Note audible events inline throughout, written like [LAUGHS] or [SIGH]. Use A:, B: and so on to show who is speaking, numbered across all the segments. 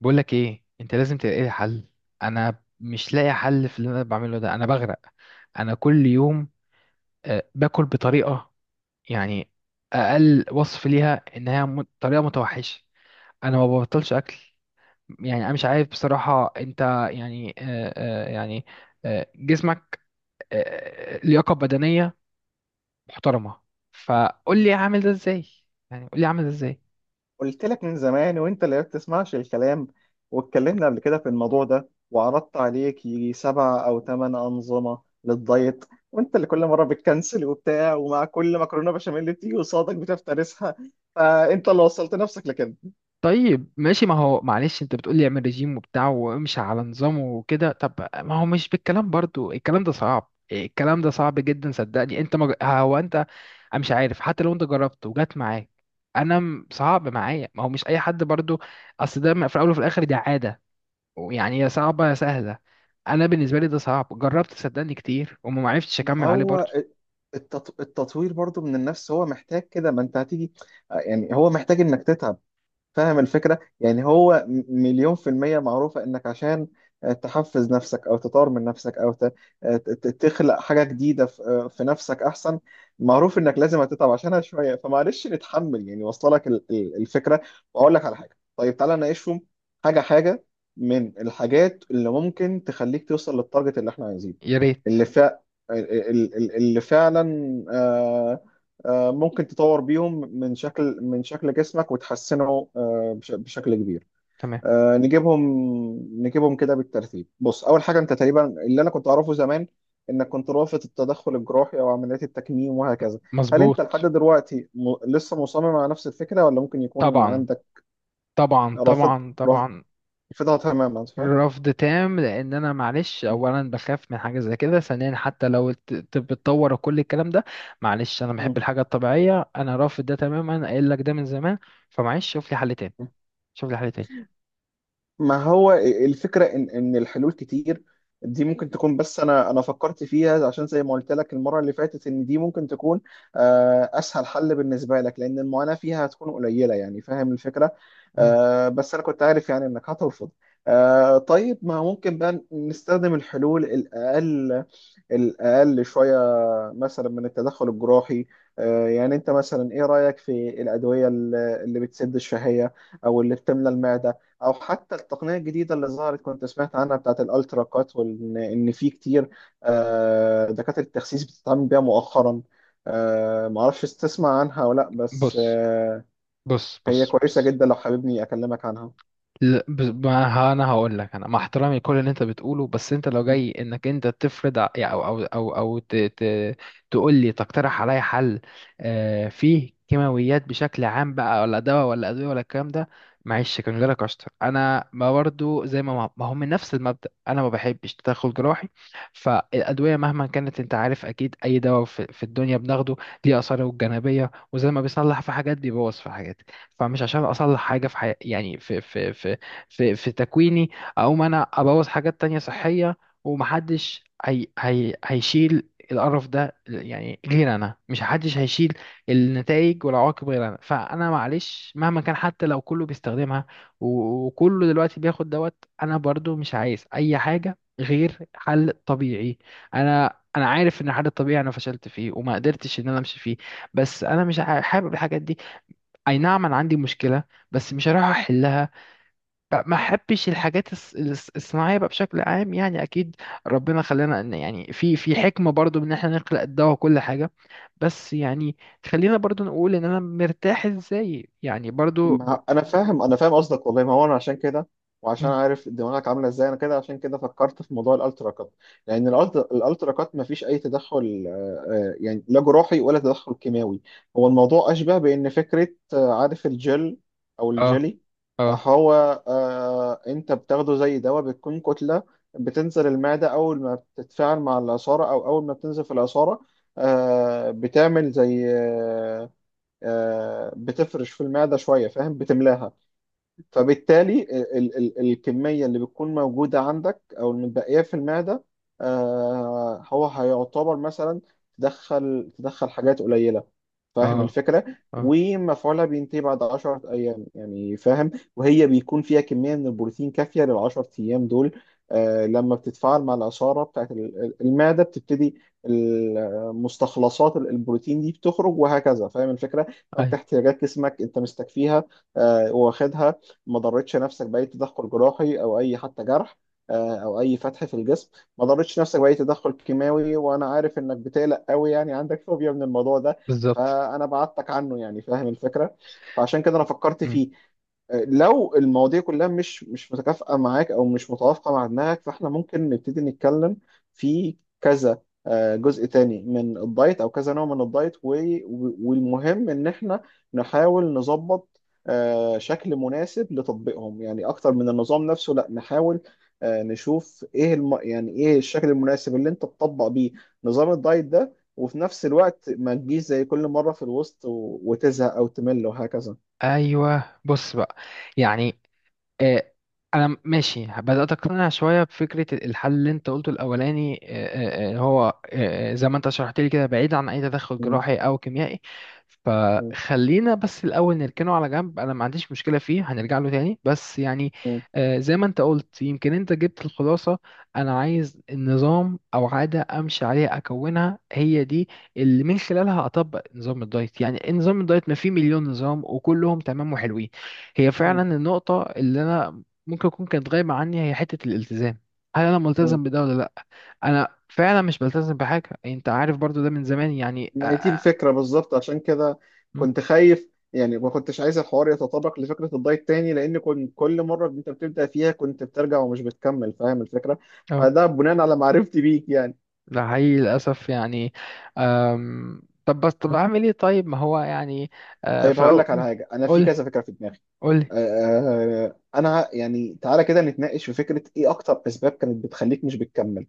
A: بقول لك ايه، انت لازم تلاقي لي حل. انا مش لاقي حل في اللي انا بعمله ده، انا بغرق. انا كل يوم باكل بطريقه، يعني اقل وصف ليها انها طريقه متوحشه. انا ما ببطلش اكل. يعني انا مش عارف بصراحه، انت يعني جسمك آه، لياقه بدنيه محترمه. فقول لي اعمل ده ازاي. يعني قول لي اعمل ده ازاي.
B: قلت لك من زمان وانت اللي ما بتسمعش الكلام. واتكلمنا قبل كده في الموضوع ده وعرضت عليك يجي 7 او 8 انظمه للدايت، وانت اللي كل مره بتكنسل وبتاع، ومع كل مكرونه بشاميل اللي بتيجي قصادك بتفترسها، فانت اللي وصلت نفسك لكده.
A: طيب ماشي، ما هو معلش، انت بتقولي اعمل ريجيم وبتاع وامشي على نظامه وكده. طب ما هو مش بالكلام برضو، الكلام ده صعب، الكلام ده صعب جدا صدقني. انت هو انت. انا مش عارف، حتى لو انت جربت وجات معاك، انا صعب معايا، ما هو مش اي حد برضو. اصل ده في الاول وفي الاخر دي عادة، يعني يا صعبة يا سهلة. انا بالنسبة لي ده صعب، جربت صدقني كتير وما عرفتش
B: ما
A: اكمل عليه
B: هو
A: برضو.
B: التطوير برضو من النفس، هو محتاج كده، ما انت هتيجي يعني، هو محتاج انك تتعب، فاهم الفكرة؟ يعني هو مليون في المية معروفة، انك عشان تحفز نفسك او تطور من نفسك او تخلق حاجة جديدة في نفسك احسن. معروف انك لازم هتتعب عشانها شوية، فمعلش نتحمل، يعني واصله لك الفكرة. واقول لك على حاجة، طيب تعالى نناقشهم حاجة حاجة، من الحاجات اللي ممكن تخليك توصل للتارجت اللي احنا عايزينه،
A: يا ريت.
B: اللي فا ال- ال- ال- اللي فعلا ممكن تطور بيهم من شكل من شكل جسمك وتحسنه بشكل كبير.
A: تمام.
B: نجيبهم، نجيبهم كده بالترتيب. بص، اول حاجه، انت تقريبا اللي انا كنت اعرفه زمان انك كنت رافض التدخل الجراحي او عمليات التكميم وهكذا. هل انت لحد
A: مظبوط.
B: دلوقتي لسه مصمم على نفس الفكره، ولا ممكن يكون
A: طبعا،
B: عندك؟
A: طبعا،
B: رافض،
A: طبعا، طبعا.
B: رافضها تماما، صح؟
A: رفض تام، لان انا معلش، اولا بخاف من حاجه زي كده، ثانيا حتى لو الطب اتطور وكل الكلام ده، معلش انا
B: م-
A: بحب الحاجه الطبيعيه، انا رافض ده تماما، قايل لك ده من زمان. فمعلش شوف لي حل تاني.
B: م-
A: شوف لي حل تاني.
B: ما هو الفكرة إن الحلول كتير، دي ممكن تكون، بس أنا فكرت فيها عشان زي ما قلت لك المرة اللي فاتت إن دي ممكن تكون أسهل حل بالنسبة لك، لأن المعاناة فيها هتكون قليلة، يعني فاهم الفكرة.
A: مم.
B: بس أنا كنت عارف يعني إنك هترفض. طيب، ما ممكن بقى نستخدم الحلول الأقل، الأقل شوية، مثلا من التدخل الجراحي. يعني انت مثلا ايه رأيك في الأدوية اللي بتسد الشهية، او اللي بتملى المعدة، او حتى التقنية الجديدة اللي ظهرت كنت سمعت عنها بتاعت الالترا كات، وان في كتير دكاترة التخسيس بتتعامل بيها مؤخرا. معرفش تسمع عنها ولا لا، بس
A: بص، بص،
B: هي
A: بص،
B: كويسة
A: بص.
B: جدا لو حاببني اكلمك عنها.
A: لا، بس- ما ها- انا هقول لك، انا مع احترامي كل اللي انت بتقوله، بس انت لو جاي انك انت تفرض يعني تقول لي، تقترح عليا حل. فيه كيماويات بشكل عام بقى، ولا دواء ولا ادويه ولا الكلام ده، معلش كان جالك اشطر، انا ما برضو زي ما هو من نفس المبدأ، انا ما بحبش تدخل جراحي. فالادويه مهما كانت، انت عارف اكيد اي دواء في الدنيا بناخده ليه اثاره الجانبيه، وزي ما بيصلح في حاجات بيبوظ في حاجات. فمش عشان اصلح حاجه في يعني في تكويني، اقوم انا ابوظ حاجات تانية صحية. ومحدش هي هيشيل القرف ده يعني غير انا، مش محدش هيشيل النتائج والعواقب غير انا. فانا معلش مهما كان، حتى لو كله بيستخدمها وكله دلوقتي بياخد دوت، انا برضو مش عايز اي حاجة غير حل طبيعي. انا عارف ان الحل الطبيعي انا فشلت فيه وما قدرتش ان انا امشي فيه، بس انا مش حابب الحاجات دي. اي نعم انا عندي مشكلة، بس مش هروح احلها بقى، ما احبش الحاجات الصناعيه بقى بشكل عام، يعني اكيد ربنا خلانا ان يعني في حكمه برضو ان احنا نخلق الدواء وكل حاجه، بس يعني خلينا برضو نقول ان انا مرتاح ازاي يعني برضو.
B: ما انا فاهم، انا فاهم قصدك والله، ما هو انا عشان كده،
A: م-
B: وعشان عارف دماغك عامله ازاي انا كده، عشان كده فكرت في موضوع الالترا كات، لان الألترا كات ما فيش اي تدخل، يعني لا جراحي ولا تدخل كيماوي. هو الموضوع اشبه بان فكره، عارف الجل او
A: اه،
B: الجلي.
A: اه،
B: هو انت بتاخده زي دواء، بتكون كتله بتنزل المعده، اول ما بتتفاعل مع العصاره او اول ما بتنزل في العصاره بتعمل زي بتفرش في المعدة شوية، فاهم، بتملاها. فبالتالي ال ال الكمية اللي بتكون موجودة عندك أو المتبقية في المعدة، هو هيعتبر مثلا تدخل حاجات قليلة، فاهم
A: اه،
B: الفكرة.
A: اه.
B: ومفعولها بينتهي بعد 10 أيام يعني، فاهم، وهي بيكون فيها كمية من البروتين كافية لل 10 أيام دول. لما بتتفاعل مع العصارة بتاعت المعدة، بتبتدي المستخلصات البروتين دي بتخرج، وهكذا فاهم الفكرة.
A: اي
B: فأنت احتياجات جسمك أنت مستكفيها، واخدها، ما ضرتش نفسك باي تدخل جراحي او اي حتى جرح، او اي فتح في الجسم، ما ضرتش نفسك باي تدخل كيماوي، وانا عارف انك بتقلق قوي، يعني عندك فوبيا من الموضوع ده،
A: بالظبط.
B: فانا بعدتك عنه، يعني فاهم الفكره، فعشان كده انا فكرت
A: م.
B: فيه. لو المواضيع كلها مش متكافئة معاك أو مش متوافقة مع دماغك، فإحنا ممكن نبتدي نتكلم في كذا جزء تاني من الدايت أو كذا نوع من الدايت، والمهم إن إحنا نحاول نظبط شكل مناسب لتطبيقهم، يعني اكتر من النظام نفسه، لا نحاول نشوف ايه يعني ايه الشكل المناسب اللي انت تطبق بيه نظام الدايت ده، وفي نفس الوقت ما تجيش زي كل مرة في الوسط وتزهق او تمل وهكذا.
A: ايوه بص بقى، يعني آه، انا ماشي، بدات اقتنع شويه بفكره الحل اللي انت قلته الاولاني. هو زي ما انت شرحت لي كده، بعيد عن اي تدخل
B: م-
A: جراحي او كيميائي.
B: م-
A: فخلينا بس الاول نركنه على جنب، انا ما عنديش مشكله فيه، هنرجع له تاني بس يعني.
B: م-
A: زي ما انت قلت، يمكن انت جبت الخلاصه. انا عايز نظام او عاده امشي عليها، اكونها هي دي اللي من خلالها اطبق نظام الدايت. يعني نظام الدايت ما فيه مليون نظام، وكلهم تمام وحلوين. هي
B: م-
A: فعلا النقطة اللي أنا ممكن أكون كانت غايبة عني، هي حتة الالتزام. هل أنا
B: م.
A: ملتزم بده ولا لأ؟ أنا فعلا مش بلتزم بحاجة، يعني أنت عارف برضو ده من زمان يعني
B: ما هي دي الفكرة بالظبط، عشان كده
A: م؟
B: كنت خايف، يعني ما كنتش عايز الحوار يتطرق لفكرة الدايت تاني، لأن كنت كل مرة أنت بتبدأ فيها كنت بترجع ومش بتكمل، فاهم الفكرة؟
A: أه،
B: فده بناء على معرفتي بيك يعني.
A: ده حقيقي للأسف يعني. طب بس، طب أعمل إيه؟ طيب ما هو يعني في
B: طيب هقول
A: الأول
B: لك على حاجة، أنا في
A: قول،
B: كذا فكرة في دماغي.
A: قول.
B: آه، أنا يعني تعالى كده نتناقش في فكرة، إيه أكتر أسباب كانت بتخليك مش بتكمل،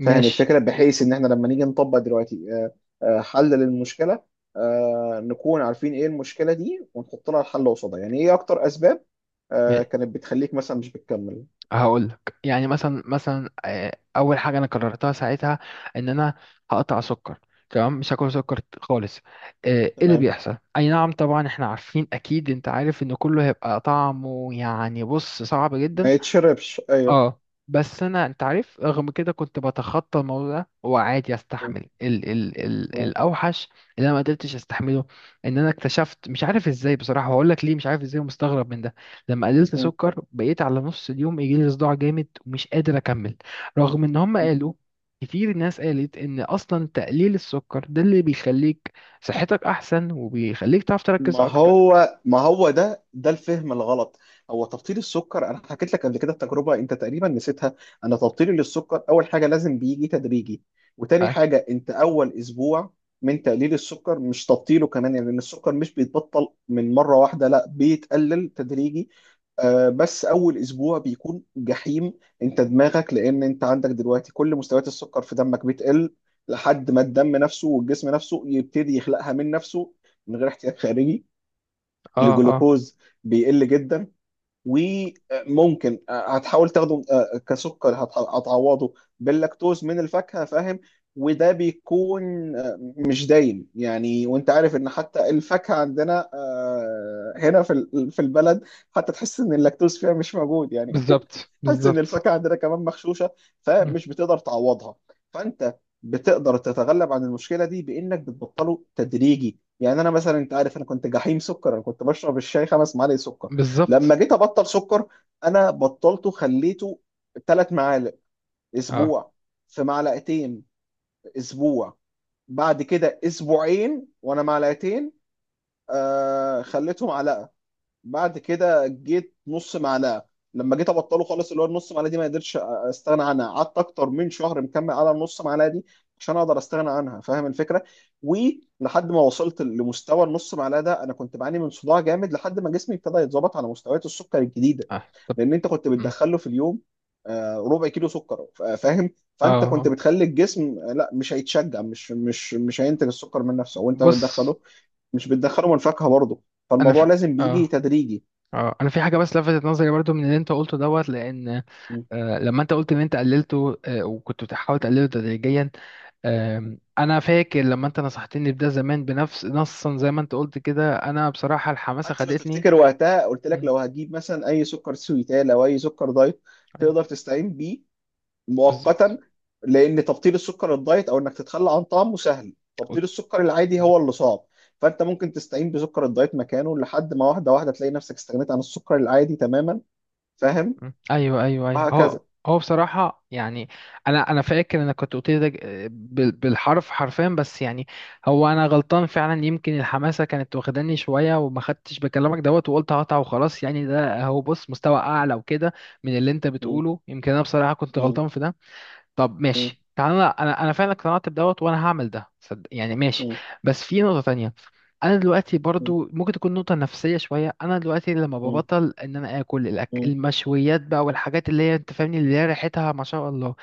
B: فاهم
A: ماشي.
B: الفكرة، بحيث إن إحنا لما نيجي نطبق دلوقتي حل للمشكلة، نكون عارفين إيه المشكلة دي، ونحط لها الحل قصادها. يعني إيه أكتر أسباب كانت بتخليك مثلا مش بتكمل.
A: هقول لك، يعني مثلا اول حاجه انا قررتها ساعتها ان انا هقطع سكر. تمام مش هاكل سكر خالص. ايه اللي
B: تمام،
A: بيحصل؟ اي نعم طبعا احنا عارفين، اكيد انت عارف ان كله هيبقى طعمه يعني بص صعب
B: ما
A: جدا.
B: يتشربش، أيوه.
A: اه، بس انا، انت عارف، رغم كده كنت بتخطى الموضوع ده وعادي
B: م.
A: استحمل ال ال ال
B: تمام.
A: الاوحش. اللي انا ما قدرتش استحمله ان انا اكتشفت، مش عارف ازاي بصراحه، هقول لك ليه. مش عارف ازاي، ومستغرب من ده. لما قللت سكر بقيت على نص اليوم يجي لي صداع جامد، ومش قادر اكمل، رغم ان هم
B: م.
A: قالوا، كتير ناس قالت ان اصلا تقليل السكر ده اللي بيخليك صحتك احسن، وبيخليك تعرف تركز
B: ما
A: اكتر.
B: هو، ما هو ده الفهم الغلط. هو تبطيل السكر انا حكيت لك قبل كده التجربه، انت تقريبا نسيتها. انا تبطيلي للسكر، اول حاجه لازم بيجي تدريجي، وتاني
A: اه.
B: حاجه انت اول اسبوع من تقليل السكر مش تبطيله كمان، يعني لان السكر مش بيتبطل من مره واحده، لا بيتقلل تدريجي. بس اول اسبوع بيكون جحيم، انت دماغك، لان انت عندك دلوقتي كل مستويات السكر في دمك بتقل، لحد ما الدم نفسه والجسم نفسه يبتدي يخلقها من نفسه، من غير احتياج خارجي.
A: اه، آه.
B: الجلوكوز بيقل جدا. وممكن هتحاول تاخده كسكر، هتعوضه باللاكتوز من الفاكهة، فاهم. وده بيكون مش دايم يعني، وانت عارف ان حتى الفاكهة عندنا هنا في في البلد، حتى تحس ان اللاكتوز فيها مش موجود يعني. [LAUGHS]
A: بالظبط،
B: حاسس ان
A: بالظبط.
B: الفاكهه عندنا كمان مغشوشه،
A: مم.
B: فمش بتقدر تعوضها. فانت بتقدر تتغلب عن المشكله دي بانك بتبطله تدريجي. يعني انا مثلا، انت عارف انا كنت جحيم سكر، انا كنت بشرب الشاي 5 معالق سكر.
A: بالظبط.
B: لما جيت ابطل سكر، انا بطلته، خليته 3 معالق
A: اه،
B: اسبوع، في معلقتين اسبوع، بعد كده اسبوعين وانا معلقتين، خليتهم على، بعد كده جيت نص معلقه. لما جيت ابطله خالص اللي هو النص معلقه دي ما قدرتش استغنى عنها، قعدت اكتر من شهر مكمل على النص معلقه دي عشان اقدر استغنى عنها، فاهم الفكره. ولحد ما وصلت لمستوى النص معلقه ده انا كنت بعاني من صداع جامد، لحد ما جسمي ابتدى يتظبط على مستويات السكر الجديده.
A: اه، طب.
B: لان انت كنت
A: مم.
B: بتدخله في اليوم ربع كيلو سكر، فاهم.
A: اه،
B: فانت كنت
A: آه.
B: بتخلي الجسم لا، مش هيتشجع مش مش مش هينتج السكر من نفسه وانت
A: بص.
B: بتدخله، مش بتدخله من فاكهه برضه.
A: انا
B: فالموضوع
A: في
B: لازم بيجي
A: اه
B: تدريجي.
A: اه انا في حاجه بس لفتت نظري برضو من اللي انت قلته دوت، لان
B: مم.
A: لما انت قلت ان انت قللته، وكنت بتحاول تقلله تدريجيا، انا فاكر لما انت نصحتني بده زمان بنفس نصا زي ما انت قلت كده، انا بصراحه الحماسه
B: حتى لو
A: خدتني.
B: تفتكر وقتها قلت لك
A: مم.
B: لو هتجيب مثلا اي سكر سويتال او اي سكر دايت
A: أيوة.
B: تقدر تستعين بيه
A: بالظبط.
B: مؤقتا، لان تبطيل السكر الدايت او انك تتخلى عن طعمه سهل، تبطيل السكر العادي هو اللي صعب. فانت ممكن تستعين بسكر الدايت مكانه لحد ما، واحده واحده تلاقي نفسك استغنيت عن السكر العادي تماما، فاهم.
A: مم. ايوه، ايوه، ايوه.
B: وهكذا.
A: هو هو بصراحه يعني، انا فاكر انا كنت قلت لي ده بالحرف حرفيا، بس يعني هو انا غلطان فعلا، يمكن الحماسه كانت واخداني شويه، وما خدتش بكلامك دوت وقلت هقطع وخلاص، يعني ده هو، بص مستوى اعلى وكده من اللي انت
B: مم.
A: بتقوله. يمكن انا بصراحه كنت
B: مم.
A: غلطان في ده. طب
B: مم.
A: ماشي، تعالى انا انا أنا فعلا اقتنعت بدوت، وانا هعمل ده صدق يعني، ماشي.
B: مم.
A: بس في نقطة تانية، انا دلوقتي
B: مم.
A: برضو، ممكن تكون نقطة نفسية شوية، انا دلوقتي لما
B: مم.
A: ببطل ان انا اكل
B: مم.
A: المشويات بقى، والحاجات اللي هي انت فاهمني، اللي هي ريحتها ما شاء الله،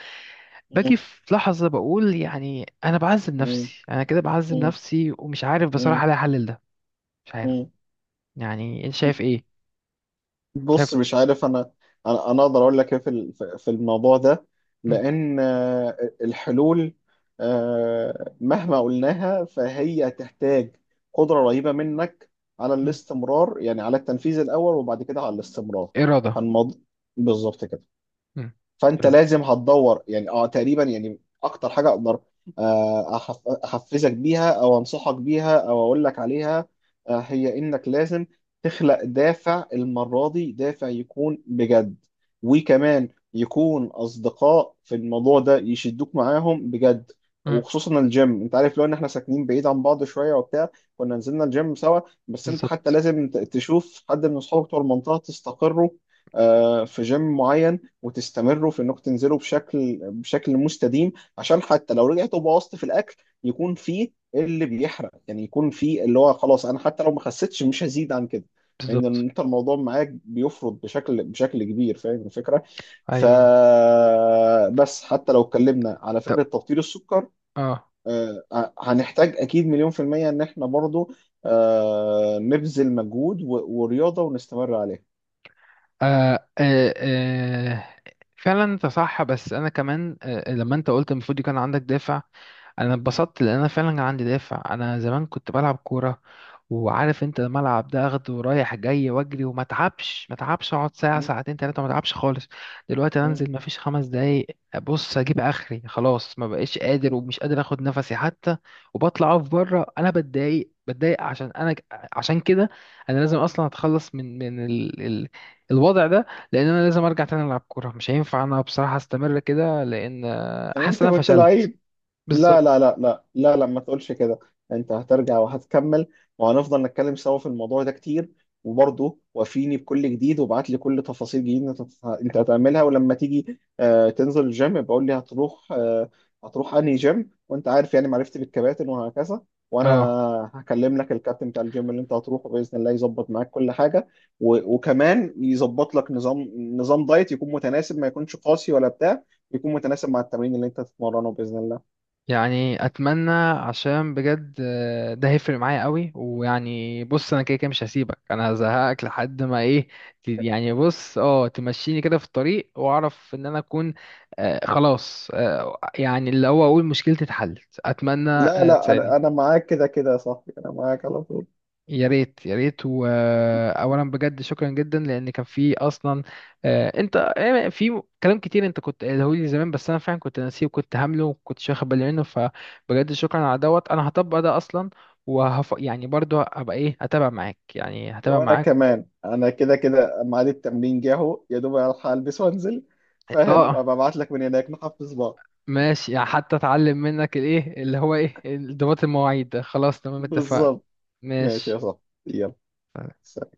A: باجي في لحظة بقول يعني انا بعذب
B: مم.
A: نفسي، انا كده بعذب
B: مم.
A: نفسي، ومش عارف بصراحة الاقي حل لده. مش عارف، يعني انت
B: مم.
A: شايف ايه؟ شايف.
B: بص، مش عارف. انا انا أنا اقدر اقول لك ايه في في الموضوع ده،
A: مم.
B: لان الحلول مهما قلناها فهي تحتاج قدرة رهيبة منك على
A: مم.
B: الاستمرار، يعني على التنفيذ الاول وبعد كده على الاستمرار.
A: إرادة.
B: فالموضوع بالظبط كده.
A: مم.
B: فانت
A: إرادة.
B: لازم هتدور، يعني اه تقريبا، يعني اكتر حاجه اقدر احفزك بيها او انصحك بيها او اقول لك عليها، هي انك لازم تخلق دافع المره دي، دافع يكون بجد، وكمان يكون اصدقاء في الموضوع ده يشدوك معاهم بجد.
A: مم.
B: وخصوصا الجيم، انت عارف لو ان احنا ساكنين بعيد عن بعض شويه وبتاع كنا نزلنا الجيم سوا، بس انت حتى
A: بالظبط،
B: لازم تشوف حد من اصحابك بتوع المنطقه تستقروا في جيم معين، وتستمروا في انكم تنزلوا بشكل مستديم، عشان حتى لو رجعتوا بوظت في الاكل يكون فيه اللي بيحرق، يعني يكون فيه اللي هو خلاص انا حتى لو ما خسيتش مش هزيد عن كده، لان
A: بالظبط.
B: يعني انت الموضوع معاك بيفرض بشكل كبير، فاهم الفكره. ف
A: ايوه
B: بس حتى لو اتكلمنا على
A: طب.
B: فكره تبطيل السكر
A: اه،
B: آه، هنحتاج اكيد مليون في الميه ان احنا برضو نبذل مجهود ورياضه ونستمر عليها.
A: آه، آه، آه. فعلا انت صح، بس انا كمان لما انت قلت المفروض يكون عندك دافع، انا اتبسطت لان انا فعلا عندي دافع. انا زمان كنت بلعب كوره، وعارف انت، الملعب ده اخده رايح جاي واجري وما اتعبش، ما اتعبش، اقعد ساعه،
B: م-
A: ساعتين، 3، ما اتعبش خالص. دلوقتي أنا
B: م.
A: انزل ما فيش 5 دقايق، ابص اجيب اخري، خلاص ما بقيش قادر، ومش قادر اخد نفسي حتى. وبطلع اقف بره، انا بتضايق، بتضايق عشان انا، عشان كده انا لازم اصلا اتخلص من الوضع ده. لان انا لازم ارجع تاني العب كوره، مش هينفع انا بصراحه استمر كده، لان حاسس ان
B: وانت
A: انا
B: كنت
A: فشلت.
B: لعيب. لا
A: بالظبط.
B: لا لا لا لا لا، ما تقولش كده، انت هترجع وهتكمل، وهنفضل نتكلم سوا في الموضوع ده كتير. وبرضه وافيني بكل جديد، وابعت لي كل تفاصيل جديدة انت هتعملها، ولما تيجي تنزل الجيم بقول لي هتروح هتروح انهي جيم، وانت عارف يعني معرفتي بالكباتن وهكذا. وانا
A: اه،
B: هكلم لك الكابتن بتاع الجيم اللي انت هتروحه باذن الله يظبط معاك كل حاجه، وكمان يظبط لك نظام دايت يكون متناسب، ما يكونش قاسي ولا بتاع، يكون متناسب مع التمرين اللي انت تتمرنه باذن الله.
A: يعني اتمنى، عشان بجد ده هيفرق معايا قوي، ويعني بص انا كده كده مش هسيبك، انا هزهقك لحد ما ايه يعني، بص اه، تمشيني كده في الطريق، واعرف ان انا اكون خلاص، يعني اللي هو اقول مشكلتي اتحلت. اتمنى
B: لا لا،
A: تساعدني.
B: انا معاك كده كده يا صاحبي، انا معاك على طول.
A: يا ريت، يا ريت. واولا بجد شكرا جدا، لان كان في اصلا انت في كلام كتير انت كنت قايله لي زمان، بس انا فعلا كنت ناسيه وكنت هامله وكنتش واخد بالي منه، فبجد شكرا على دوت. انا هطبق ده اصلا، يعني برضو هبقى ايه، هتابع معاك يعني، هتابع
B: وانا
A: معاك.
B: كمان انا كده كده ميعاد التمرين جه اهو، يا دوب الحق البس وانزل، فاهم،
A: اه،
B: وابقى ابعت لك من هناك نحفز بعض.
A: ماشي، يعني حتى اتعلم منك الايه اللي هو ايه، انضباط المواعيد ده. خلاص تمام، اتفقنا.
B: بالظبط. ماشي يا
A: ماشي.
B: صاحبي. يلا، سلام.